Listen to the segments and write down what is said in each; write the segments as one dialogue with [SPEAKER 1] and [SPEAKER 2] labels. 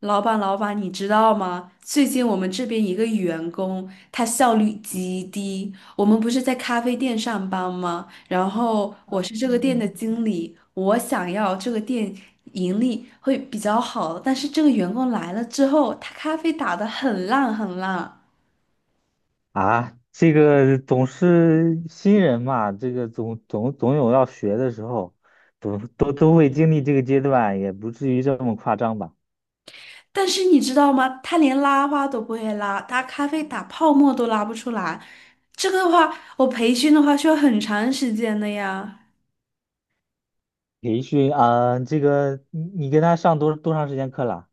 [SPEAKER 1] 老板，老板，你知道吗？最近我们这边一个员工，他效率极低。我们不是在咖啡店上班吗？然后我是这个店的
[SPEAKER 2] 嗯
[SPEAKER 1] 经理，我想要这个店盈利会比较好，但是这个员工来了之后，他咖啡打得很烂很烂。
[SPEAKER 2] 啊，这个总是新人嘛，这个总有要学的时候，都会经历这个阶段，也不至于这么夸张吧？
[SPEAKER 1] 但是你知道吗？他连拉花都不会拉，他咖啡打泡沫都拉不出来。这个的话，我培训的话需要很长时间的呀。
[SPEAKER 2] 培训啊，这个你跟他上多长时间课了？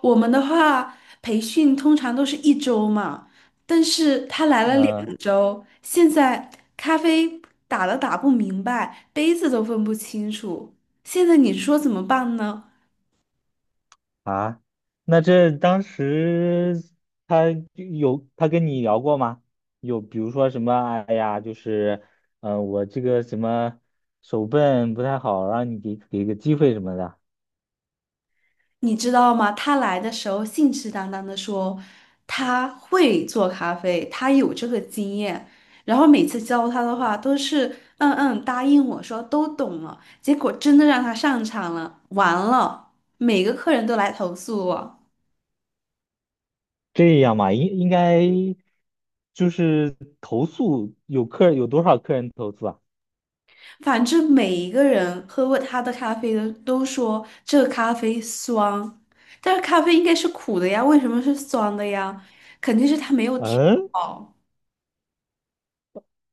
[SPEAKER 1] 我们的话，培训通常都是1周嘛，但是他来了
[SPEAKER 2] 嗯、
[SPEAKER 1] 两周，现在咖啡打了打不明白，杯子都分不清楚，现在你说怎么办呢？
[SPEAKER 2] 啊，那这当时他有他跟你聊过吗？有比如说什么，哎呀，就是我这个什么手笨不太好，让你给个机会什么的。
[SPEAKER 1] 你知道吗？他来的时候信誓旦旦的说他会做咖啡，他有这个经验，然后每次教他的话都是嗯嗯答应我说都懂了，结果真的让他上场了，完了，每个客人都来投诉我。
[SPEAKER 2] 这样嘛，应该就是投诉有多少客人投诉啊？
[SPEAKER 1] 反正每一个人喝过他的咖啡的都说这个咖啡酸，但是咖啡应该是苦的呀，为什么是酸的呀？肯定是他没有调
[SPEAKER 2] 嗯，
[SPEAKER 1] 好。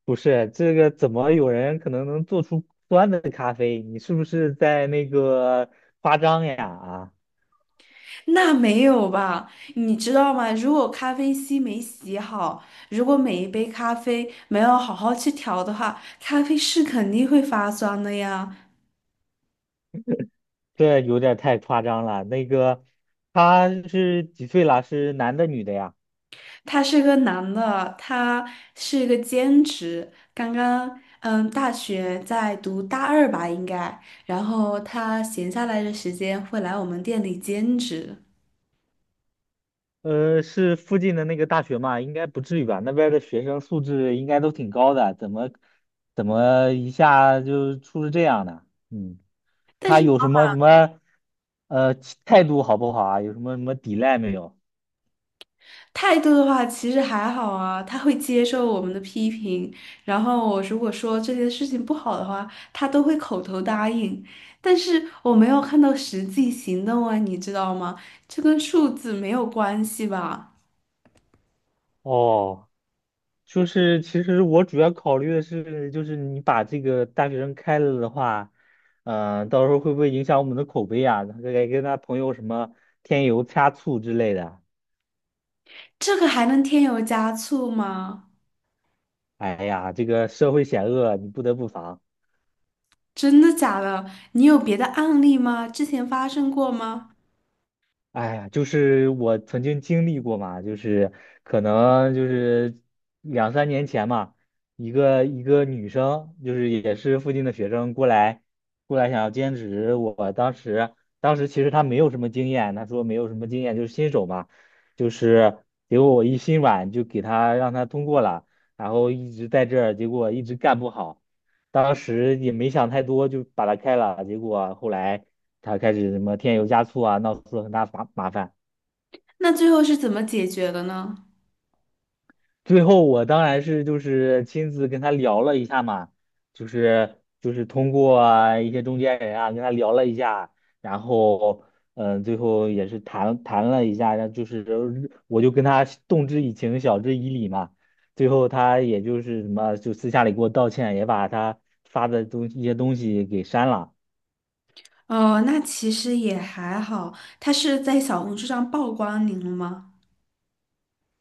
[SPEAKER 2] 不是，这个怎么有人能做出酸的咖啡？你是不是在那个夸张呀？啊，
[SPEAKER 1] 那没有吧？你知道吗？如果咖啡机没洗好，如果每一杯咖啡没有好好去调的话，咖啡是肯定会发酸的呀。
[SPEAKER 2] 这有点太夸张了。那个他是几岁了？是男的女的呀？
[SPEAKER 1] 他是个男的，他是一个兼职，刚刚大学在读大二吧应该，然后他闲下来的时间会来我们店里兼职，
[SPEAKER 2] 呃，是附近的那个大学嘛？应该不至于吧？那边儿的学生素质应该都挺高的，怎么一下就出了这样的？嗯。
[SPEAKER 1] 但
[SPEAKER 2] 他
[SPEAKER 1] 是
[SPEAKER 2] 有什么呃态度好不好啊？有什么抵赖没有？
[SPEAKER 1] 态度的话其实还好啊，他会接受我们的批评，然后我如果说这件事情不好的话，他都会口头答应，但是我没有看到实际行动啊，你知道吗？这跟数字没有关系吧？
[SPEAKER 2] 哦，就是其实我主要考虑的是，就是你把这个大学生开了的话，嗯，到时候会不会影响我们的口碑啊？他该跟他朋友什么添油加醋之类的。
[SPEAKER 1] 这个还能添油加醋吗？
[SPEAKER 2] 哎呀，这个社会险恶，你不得不防。
[SPEAKER 1] 真的假的？你有别的案例吗？之前发生过吗？
[SPEAKER 2] 哎呀，就是我曾经经历过嘛，就是可能就是两三年前嘛，一个女生，就是也是附近的学生过来想要兼职，我当时其实她没有什么经验，她说没有什么经验，就是新手嘛，就是结果我一心软就给她让她通过了，然后一直在这儿，结果一直干不好。当时也没想太多，就把他开了。结果啊后来他开始什么添油加醋啊，闹出了很大麻烦。
[SPEAKER 1] 那最后是怎么解决的呢？
[SPEAKER 2] 最后我当然是就是亲自跟他聊了一下嘛，就是通过啊一些中间人啊跟他聊了一下，然后最后也是谈了一下，然后就是我就跟他动之以情，晓之以理嘛。最后他也就是什么就私下里给我道歉，也把他发的一些东西给删了。
[SPEAKER 1] 哦，那其实也还好。他是在小红书上曝光您了吗？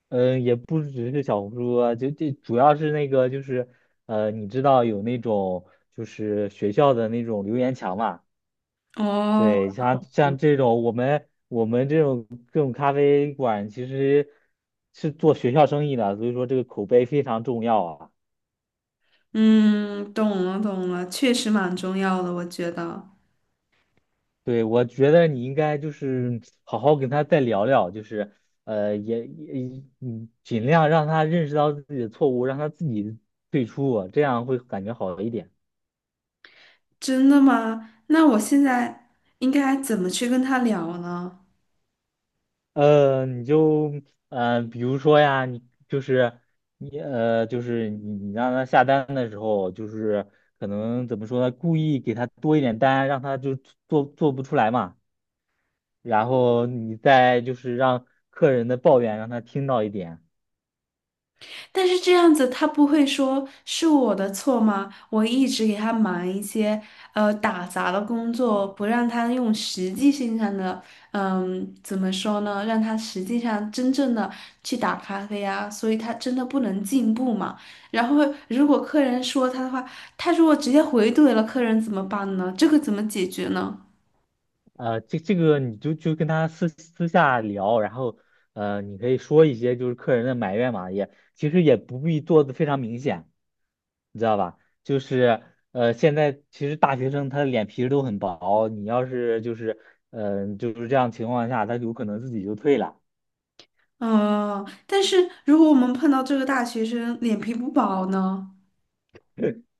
[SPEAKER 2] 嗯，也不只是小红书啊，就这主要是那个就是，呃，你知道有那种就是学校的那种留言墙嘛？
[SPEAKER 1] 哦，
[SPEAKER 2] 对，像这种我们这种咖啡馆其实是做学校生意的，所以说这个口碑非常重要啊。
[SPEAKER 1] 嗯，懂了懂了，确实蛮重要的，我觉得。
[SPEAKER 2] 对，我觉得你应该就是好好跟他再聊聊，就是呃，也也嗯，尽量让他认识到自己的错误，让他自己退出啊，这样会感觉好一点。
[SPEAKER 1] 真的吗？那我现在应该怎么去跟他聊呢？
[SPEAKER 2] 呃，呃，比如说呀，就是就是你让他下单的时候，就是可能怎么说呢，故意给他多一点单，让他就做不出来嘛，然后你再就是让客人的抱怨让他听到一点。
[SPEAKER 1] 但是这样子，他不会说是我的错吗？我一直给他忙一些打杂的工作，不让他用实际性上的，嗯，怎么说呢？让他实际上真正的去打咖啡啊，所以他真的不能进步嘛。然后如果客人说他的话，他如果直接回怼了客人怎么办呢？这个怎么解决呢？
[SPEAKER 2] 呃，这个你就跟他私下聊，然后呃，你可以说一些就是客人的埋怨嘛，也其实也不必做的非常明显，你知道吧？就是呃，现在其实大学生他的脸皮都很薄，你要是就是就是这样情况下，他有可能自己就退了。
[SPEAKER 1] 嗯，但是如果我们碰到这个大学生脸皮不薄呢？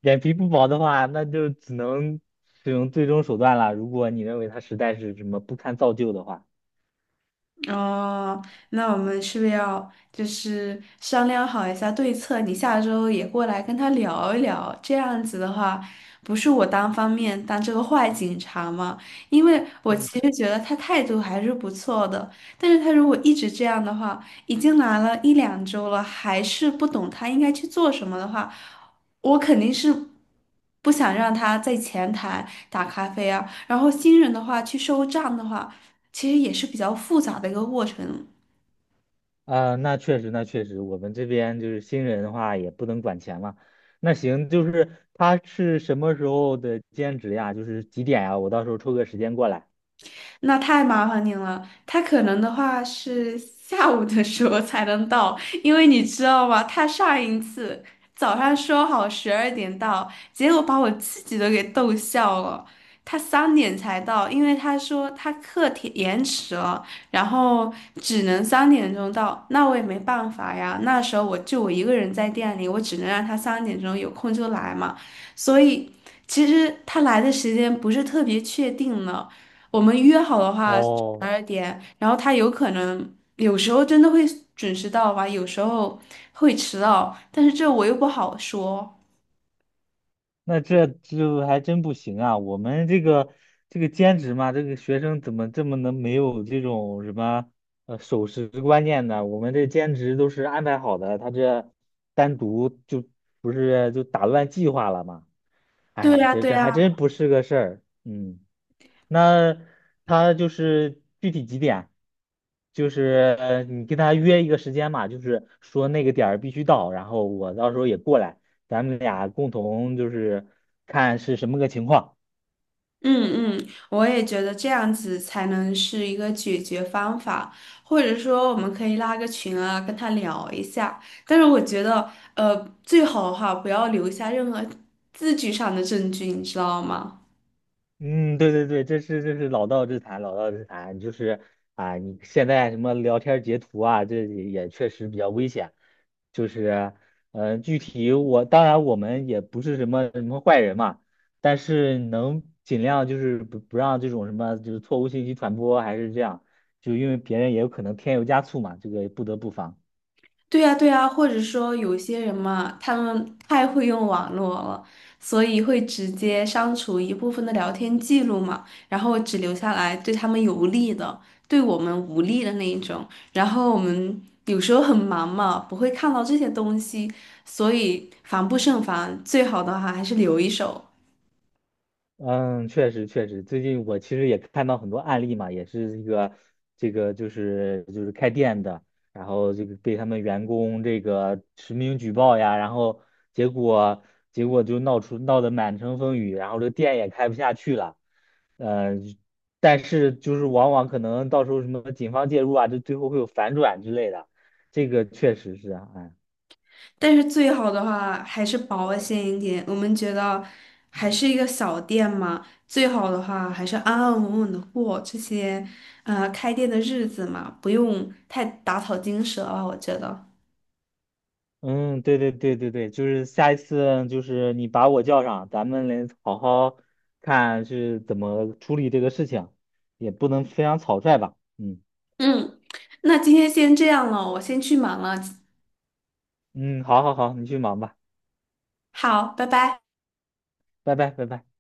[SPEAKER 2] 脸皮不薄的话，那就只能使用最终手段了。如果你认为他实在是什么不堪造就的话。
[SPEAKER 1] 哦，那我们是不是要就是商量好一下对策？你下周也过来跟他聊一聊，这样子的话，不是我单方面当这个坏警察嘛？因为我
[SPEAKER 2] 嗯。
[SPEAKER 1] 其实觉得他态度还是不错的，但是他如果一直这样的话，已经来了1-2周了，还是不懂他应该去做什么的话，我肯定是不想让他在前台打咖啡啊，然后新人的话去收账的话。其实也是比较复杂的一个过程。
[SPEAKER 2] 啊，那确实，那确实，我们这边就是新人的话也不能管钱嘛。那行，就是他是什么时候的兼职呀？就是几点呀？我到时候抽个时间过来。
[SPEAKER 1] 那太麻烦您了。他可能的话是下午的时候才能到，因为你知道吗？他上一次早上说好十二点到，结果把我自己都给逗笑了。他三点才到，因为他说他课题延迟了，然后只能三点钟到。那我也没办法呀，那时候我一个人在店里，我只能让他三点钟有空就来嘛。所以其实他来的时间不是特别确定呢。我们约好的话十
[SPEAKER 2] 哦，
[SPEAKER 1] 二点，然后他有可能有时候真的会准时到吧，有时候会迟到，但是这我又不好说。
[SPEAKER 2] 那这还真不行啊！我们这个这个兼职嘛，这个学生怎么这么能没有这种什么呃守时观念呢？我们这兼职都是安排好的，他这单独就不是就打乱计划了吗？
[SPEAKER 1] 对
[SPEAKER 2] 哎，
[SPEAKER 1] 呀，
[SPEAKER 2] 这
[SPEAKER 1] 对
[SPEAKER 2] 这还
[SPEAKER 1] 呀，
[SPEAKER 2] 真不是个事儿。嗯，那他就是具体几点？就是呃，你跟他约一个时间嘛，就是说那个点儿必须到，然后我到时候也过来，咱们俩共同就是看是什么个情况。
[SPEAKER 1] 嗯嗯，我也觉得这样子才能是一个解决方法，或者说我们可以拉个群啊，跟他聊一下。但是我觉得，呃，最好的哈，不要留下任何字据上的证据，你知道吗？
[SPEAKER 2] 嗯，对对对，这是老道之谈，老道之谈就是啊，你现在什么聊天截图啊，这也确实比较危险。就是，呃，具体我当然我们也不是什么什么坏人嘛，但是能尽量就是不让这种什么就是错误信息传播，还是这样，就因为别人也有可能添油加醋嘛，这个不得不防。
[SPEAKER 1] 对呀，对呀，或者说有些人嘛，他们太会用网络了，所以会直接删除一部分的聊天记录嘛，然后只留下来对他们有利的，对我们无利的那一种。然后我们有时候很忙嘛，不会看到这些东西，所以防不胜防，最好的话还是留一手。
[SPEAKER 2] 嗯，确实确实，最近我其实也看到很多案例嘛，也是一个这个就是开店的，然后这个被他们员工这个实名举报呀，然后结果结果就闹得满城风雨，然后这店也开不下去了，呃，但是就是往往可能到时候什么警方介入啊，就最后会有反转之类的，这个确实是啊，哎。
[SPEAKER 1] 但是最好的话还是保险一点。我们觉得还是一个小店嘛，最好的话还是安安稳稳的过这些开店的日子嘛，不用太打草惊蛇了，我觉得。
[SPEAKER 2] 嗯，对对对对对，就是下一次就是你把我叫上，咱们来好好看是怎么处理这个事情，也不能非常草率吧。嗯
[SPEAKER 1] 嗯，那今天先这样了，我先去忙了。
[SPEAKER 2] 嗯，好好好，你去忙吧，
[SPEAKER 1] 好，拜拜。
[SPEAKER 2] 拜拜拜拜。